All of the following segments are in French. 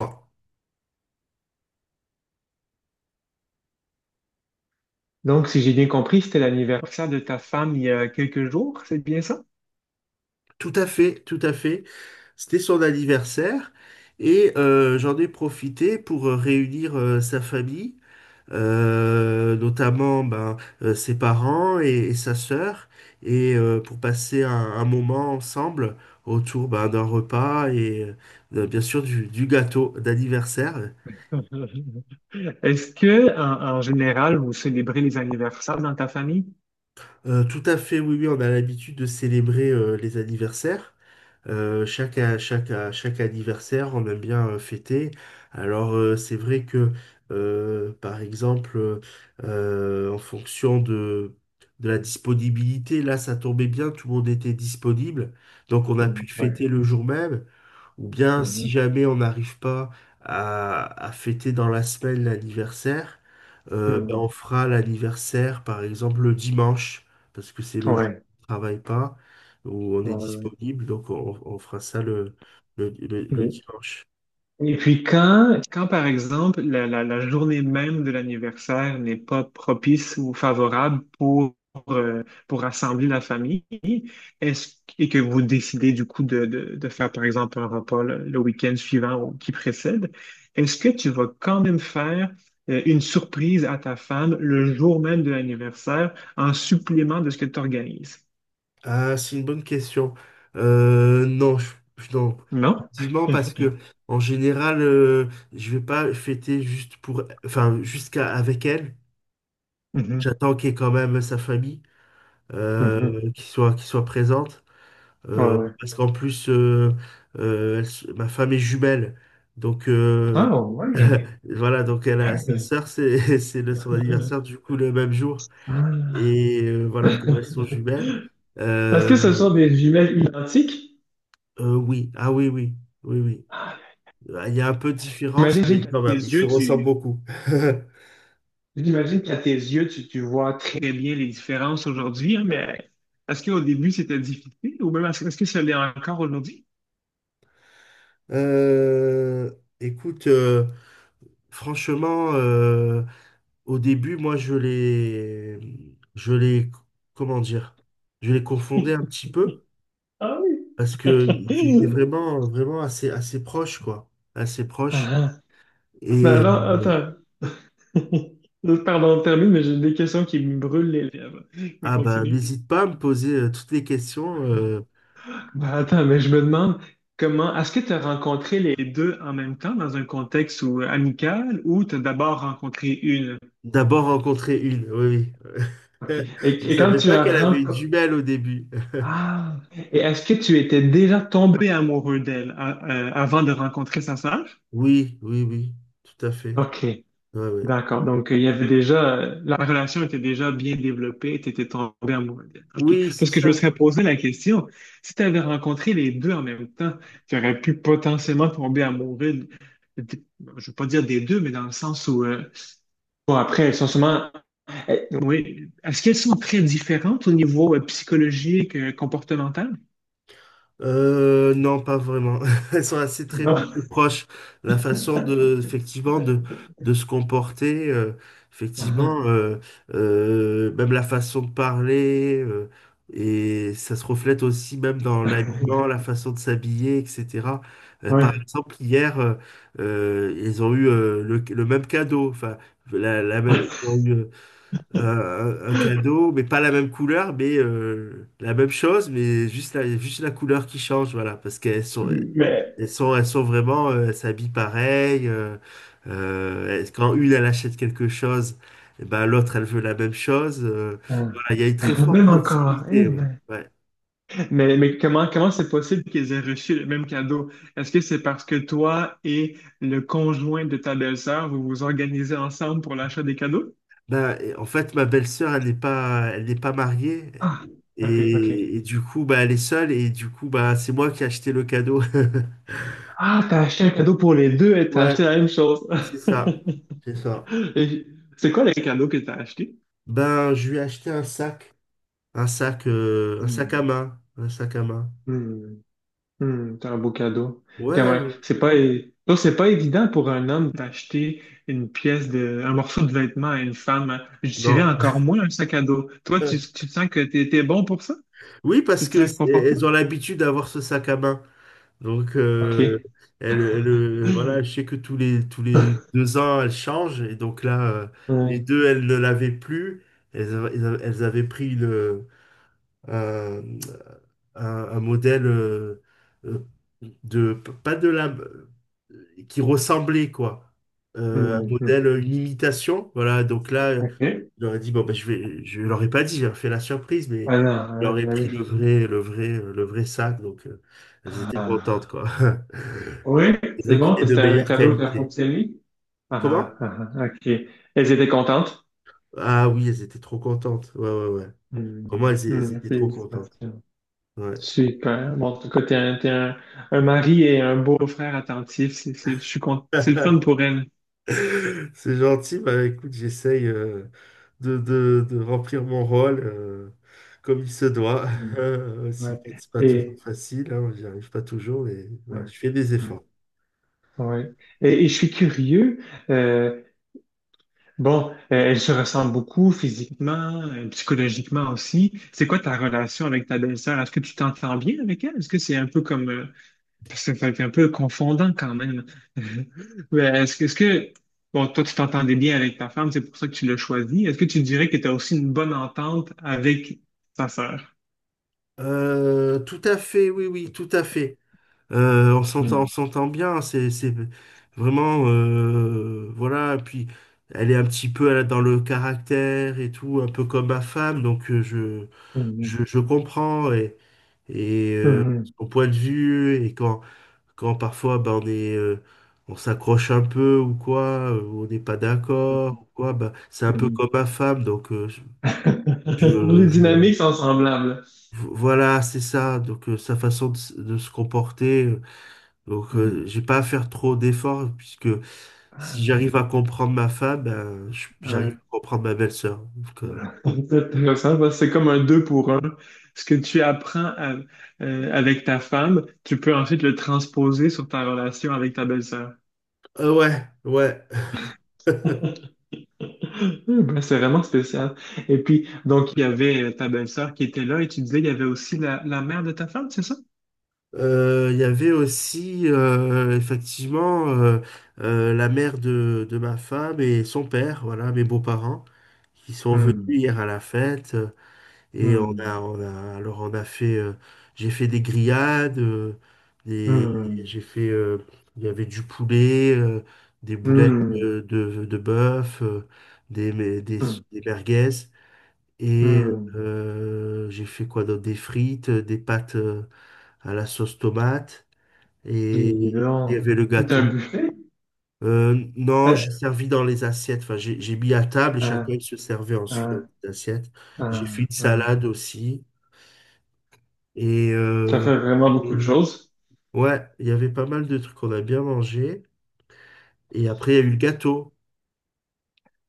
Enfin, Donc, si j'ai bien compris, c'était l'anniversaire de ta femme il y a quelques jours, c'est bien ça? tout à fait, tout à fait. C'était son anniversaire et j'en ai profité pour réunir sa famille, notamment ben, ses parents et sa sœur, et pour passer un moment ensemble autour ben, d'un repas et bien sûr du gâteau d'anniversaire. Est-ce que, en général, vous célébrez les anniversaires dans ta famille? Tout à fait, oui, oui, on a l'habitude de célébrer les anniversaires. Chaque anniversaire, on aime bien fêter. Alors, c'est vrai que, par exemple, en fonction de la disponibilité, là, ça tombait bien, tout le monde était disponible. Donc, on a Mm, pu ouais. fêter le jour même. Ou bien, si Mhm. jamais on n'arrive pas à fêter dans la semaine l'anniversaire, Mm, on fera l'anniversaire, par exemple, le dimanche parce que c'est le jour ouais. où on ne travaille pas, où on Ouais, est ouais. disponible, donc on fera ça le Et, dimanche. Et puis quand par exemple, la journée même de l'anniversaire n'est pas propice ou favorable pour rassembler la famille, est-ce et que vous décidez du coup de faire par exemple un repas le week-end suivant ou qui précède, est-ce que tu vas quand même faire une surprise à ta femme le jour même de l'anniversaire en supplément de ce que tu organises? Ah, c'est une bonne question. Euh, non, je, non, Non? effectivement, parce que en général, je vais pas fêter juste pour, enfin, jusqu'à avec elle. Mhm. J'attends qu'il y ait quand même sa famille, euh, Mhm. Qui soit présente. Ouais, ouais. Parce qu'en plus, elle se- ma femme est jumelle. Donc, Ah ouais. voilà, donc elle a sa sœur, c'est c'est le- son anniversaire, du coup, le même jour. Ah. Et voilà, comme elles sont Est-ce jumelles. euh, que ce sont des jumelles identiques? Oui, ah oui, oui, oui, oui. Ah, Ah, il y a un peu de différence, J'imagine mais qu'à quand tes même, ils se yeux, ressemblent tu, beaucoup. j'imagine qu'à tes yeux, tu vois très bien les différences aujourd'hui, hein, mais est-ce qu'au début, c'était difficile ou même est-ce que ça l'est encore aujourd'hui? Euh, Écoute, franchement, au début, moi, je les, comment dire, je les confondais un petit peu Ah oui! parce que ils étaient vraiment assez proches, quoi, assez Ah, proches. ah. Mais Et alors, attends. Pardon, termine, mais j'ai des questions qui me brûlent les lèvres. Mais ah bah, continue. n'hésite pas à me poser toutes les questions. Bah, attends, mais je me demande comment est-ce que tu as rencontré les deux en même temps dans un contexte où- amical ou tu as d'abord rencontré une? D'abord rencontrer une, oui, oui. OK. Je Et quand savais tu pas as qu'elle avait une rencontré. jumelle au début. Ah! Et est-ce que tu étais déjà tombé amoureux d'elle avant de rencontrer sa sœur? Oui, oui, oui, tout à fait. OK. Ouais, ouais. D'accord. Donc, il y avait déjà, la relation était déjà bien développée, tu étais tombé amoureux d'elle. OK. Oui, c'est Parce que je me ça. serais posé la question, si tu avais rencontré les deux en même temps, tu aurais pu potentiellement tomber amoureux, de- je veux pas dire des deux, mais dans le sens où, bon, après, elles sont sûrement, oui, est-ce qu'elles sont très différentes au niveau psychologique, comportemental? Non, pas vraiment. Elles sont assez très, très Non. proches. La façon de, effectivement, de se comporter, Ah. effectivement, même la façon de parler, et ça se reflète aussi même dans Ah. l'habillement, la façon de s'habiller, etc. Par Oui. exemple, hier, ils ont eu le même cadeau. Enfin, ils ont eu, un cadeau, mais pas la même couleur, mais la même chose, mais juste la couleur qui change, voilà, parce qu'elles sont, Mais. Elles sont vraiment, elles s'habillent pareil. Elles- quand une, elle achète quelque chose, eh ben, l'autre, elle veut la même chose. Ah. Voilà, il y a une très Ah, forte même encore, eh proximité, ouais. ben. Ouais. Mais, comment c'est possible qu'ils aient reçu le même cadeau? Est-ce que c'est parce que toi et le conjoint de ta belle-sœur, vous vous organisez ensemble pour l'achat des cadeaux? Ben, et en fait, ma belle-sœur, elle n'est pas mariée. Ah, ok, ok. Et du coup, bah, elle est seule, et du coup, bah, c'est moi qui ai acheté le cadeau. Ah, t'as acheté un cadeau pour les deux et t'as Ouais, acheté la même chose. c'est ça. C'est ça. Et c'est quoi les cadeaux que t'as acheté? Ben, je lui ai acheté un sac, un sac à Hmm. main, un sac à main. Hmm. Hmm, c'est un beau cadeau. Quand Ouais, même, c'est pas, non, c'est pas évident pour un homme d'acheter une pièce de, un morceau de vêtement à une femme, hein. Je dirais non. encore moins un sac à dos. Toi, tu, tu te sens que t'es bon pour ça? Oui, parce Tu te que sens c'est- elles confortable? ont l'habitude d'avoir ce sac à main. Donc, OK. Voilà, je sais que tous les deux ans, elles changent. Et donc là, les Hmm, deux, elles ne l'avaient plus. Elles, avaient Elles avaient pris le, euh, un modèle euh, de pas de la qui ressemblait quoi. Un hmm, hmm. modèle, une imitation, voilà, donc là je OK. leur ai dit bon ben, je leur ai pas dit, j'ai fait la surprise, mais Ah non, je leur ai pris j'avais- le vrai le vrai le vrai sac donc elles étaient ah. contentes quoi. Oui, C'est c'est vrai qu'il bon, est de c'était un meilleure cadeau qui a qualité. fonctionné. Ah, Comment? ah, ah, OK. Elles étaient contentes? Ah oui, elles étaient trop contentes, ouais, ouais, ouais, Hmm, comment, elles, elles hmm, étaient trop contentes, félicitations. ouais. Super. Bon, en tout cas, t'es un mari et un beau-frère attentif. C'est, je suis cont- c'est le fun pour elle. C'est gentil, bah écoute, j'essaye de remplir mon rôle comme il se doit. Mm. Aussi, Ouais, c'est pas toujours et, facile, hein, j'y arrive pas toujours, mais ouais, voilà, je fais des ouais, efforts. ouais. Et je suis curieux. euh, bon, elle se ressemble beaucoup physiquement, psychologiquement aussi. C'est quoi ta relation avec ta belle-sœur? Est-ce que tu t'entends bien avec elle? Est-ce que c'est un peu comme, parce que c'est un peu confondant quand même. Mais est-ce que, bon, toi, tu t'entendais bien avec ta femme, c'est pour ça que tu l'as choisie. Est-ce que tu dirais que tu as aussi une bonne entente avec ta sœur? Tout à fait, oui, oui, tout à fait. On s'entend, on s'entend bien, c'est vraiment, voilà, puis elle est un petit peu, elle a dans le caractère et tout, un peu comme ma femme, donc Mhm, je comprends et mhm, mhm, son point de vue, et quand parfois ben, on s'accroche un peu ou quoi, ou on n'est pas d'accord ou quoi, ben, c'est un mhm, peu mhm. comme ma femme, donc je, Les je, je- dynamiques sont semblables. voilà, c'est ça, donc sa façon de, s- de se comporter. Donc, Mhm. j'ai pas à faire trop d'efforts puisque si j'arrive à comprendre ma femme, ben, je- j'arrive Ouais. à comprendre ma belle-sœur. Donc, C'est intéressant parce que c'est comme un deux pour un. Ce que tu apprends avec ta femme, tu peux ensuite le transposer sur ta relation avec ta belle-sœur. Ouais, ouais. Ben, c'est vraiment spécial. Et puis, donc, il y avait ta belle-sœur qui était là et tu disais qu'il y avait aussi la mère de ta femme, c'est ça? Il y avait aussi effectivement la mère de ma femme et son père, voilà, mes beaux-parents, qui sont venus Hmm, hier à la fête. Et hmm, alors on a fait, j'ai fait des grillades, des, hmm, j'ai fait, il y avait du poulet, des boulettes hmm, de bœuf, des, mais- des, hmm, des merguez. Et hmm. J'ai fait quoi d'autre? Des frites, des pâtes à la sauce tomate. Dis Et après, il y donc, avait le tout un gâteau. buffet? Non, j'ai Euh, servi dans les assiettes. Enfin, j'ai mis à table et chacun Hein, il se servait ensuite dans hein, les assiettes. J'ai fait hein, une hein. salade aussi. Et, Ça euh, fait vraiment beaucoup de et- choses. ouais, il y avait pas mal de trucs qu'on a bien mangé. Et après, il y a eu le gâteau.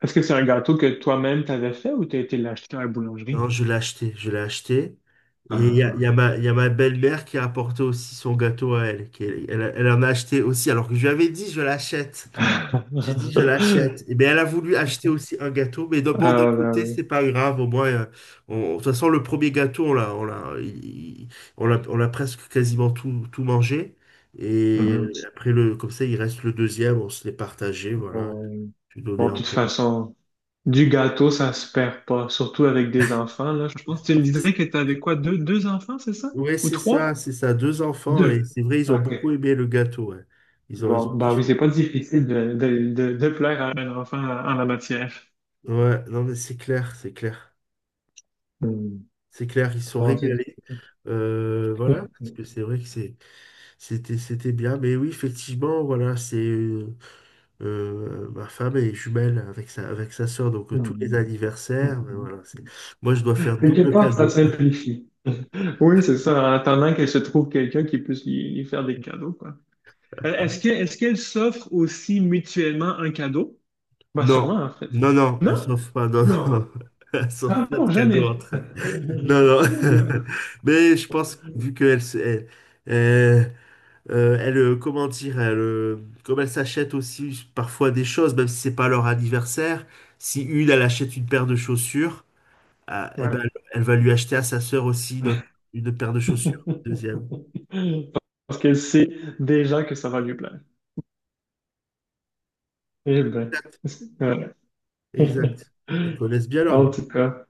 Est-ce que c'est un gâteau que toi-même t'avais fait ou t'as été l'acheter à la Non, boulangerie? Je l'ai acheté. Et Ah, il y a ma belle-mère qui a apporté aussi son gâteau à elle. Qui- elle, elle en a acheté aussi, alors que je lui avais dit, je l'achète. ah. J'ai dit, je l'achète. Et bien, elle a voulu acheter aussi un gâteau, mais d'un- bon, d'un Ah, ben côté, oui. c'est pas grave. Au moins, on- de toute façon, le premier gâteau, on l'a presque quasiment tout, tout mangé. Et Mhm. après, le, comme ça, il reste le deuxième, on se l'est partagé, voilà. Bon, Je lui donnais Bon, de un toute peu. façon. Du gâteau, ça se perd pas, surtout avec des enfants, là. Je pense que tu me disais que tu avais quoi, deux enfants, c'est ça? Ouais, Ou c'est ça, trois? c'est ça. Deux enfants, et Deux. c'est vrai, ils ont OK. beaucoup aimé le gâteau, ouais. Ils Bon, ont bah oui, kiffé. c'est pas difficile de plaire à un enfant en la matière. Ouais, non, mais c'est clair, c'est clair. Hmm. C'est clair, ils se sont Bon, c'est. régalés. Voilà, parce que c'est vrai que c'est. C'était, c'était bien, mais oui, effectivement, voilà, c'est ma femme est jumelle avec avec sa sœur, donc tous les Hmm. anniversaires, ben voilà, c'est- moi je dois faire Quelque double part, ça cadeau. simplifie. Oui, c'est ça, en attendant qu'elle se trouve quelqu'un qui puisse lui faire des cadeaux, quoi. Est-ce qu'elles s'offrent aussi mutuellement un cadeau? Bah, Non, sûrement, en fait. non, non, elles Non? s'offre pas, non, Non. non, elle s'offre Ah pas de non, cadeau jamais. entre elles. Non, non, Ouais. mais je pense, que vu qu'elle, elle, elle, elle, comment dire, comme elle s'achète aussi parfois des choses, même si c'est pas leur anniversaire, si une, elle achète une paire de chaussures, ah, eh ben, elle va lui acheter à sa sœur aussi d'autres- une paire de chaussures. Deuxième. Parce qu'elle sait déjà que ça va lui plaire. Eh ben, Exact. ouais. Exact. Elles connaissent bien leur En goût. tout cas,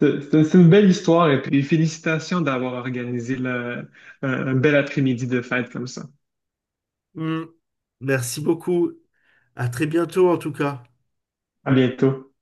c'est une belle histoire et puis félicitations d'avoir organisé un bel après-midi de fête comme ça. Hmm. Merci beaucoup. À très bientôt en tout cas. À bientôt.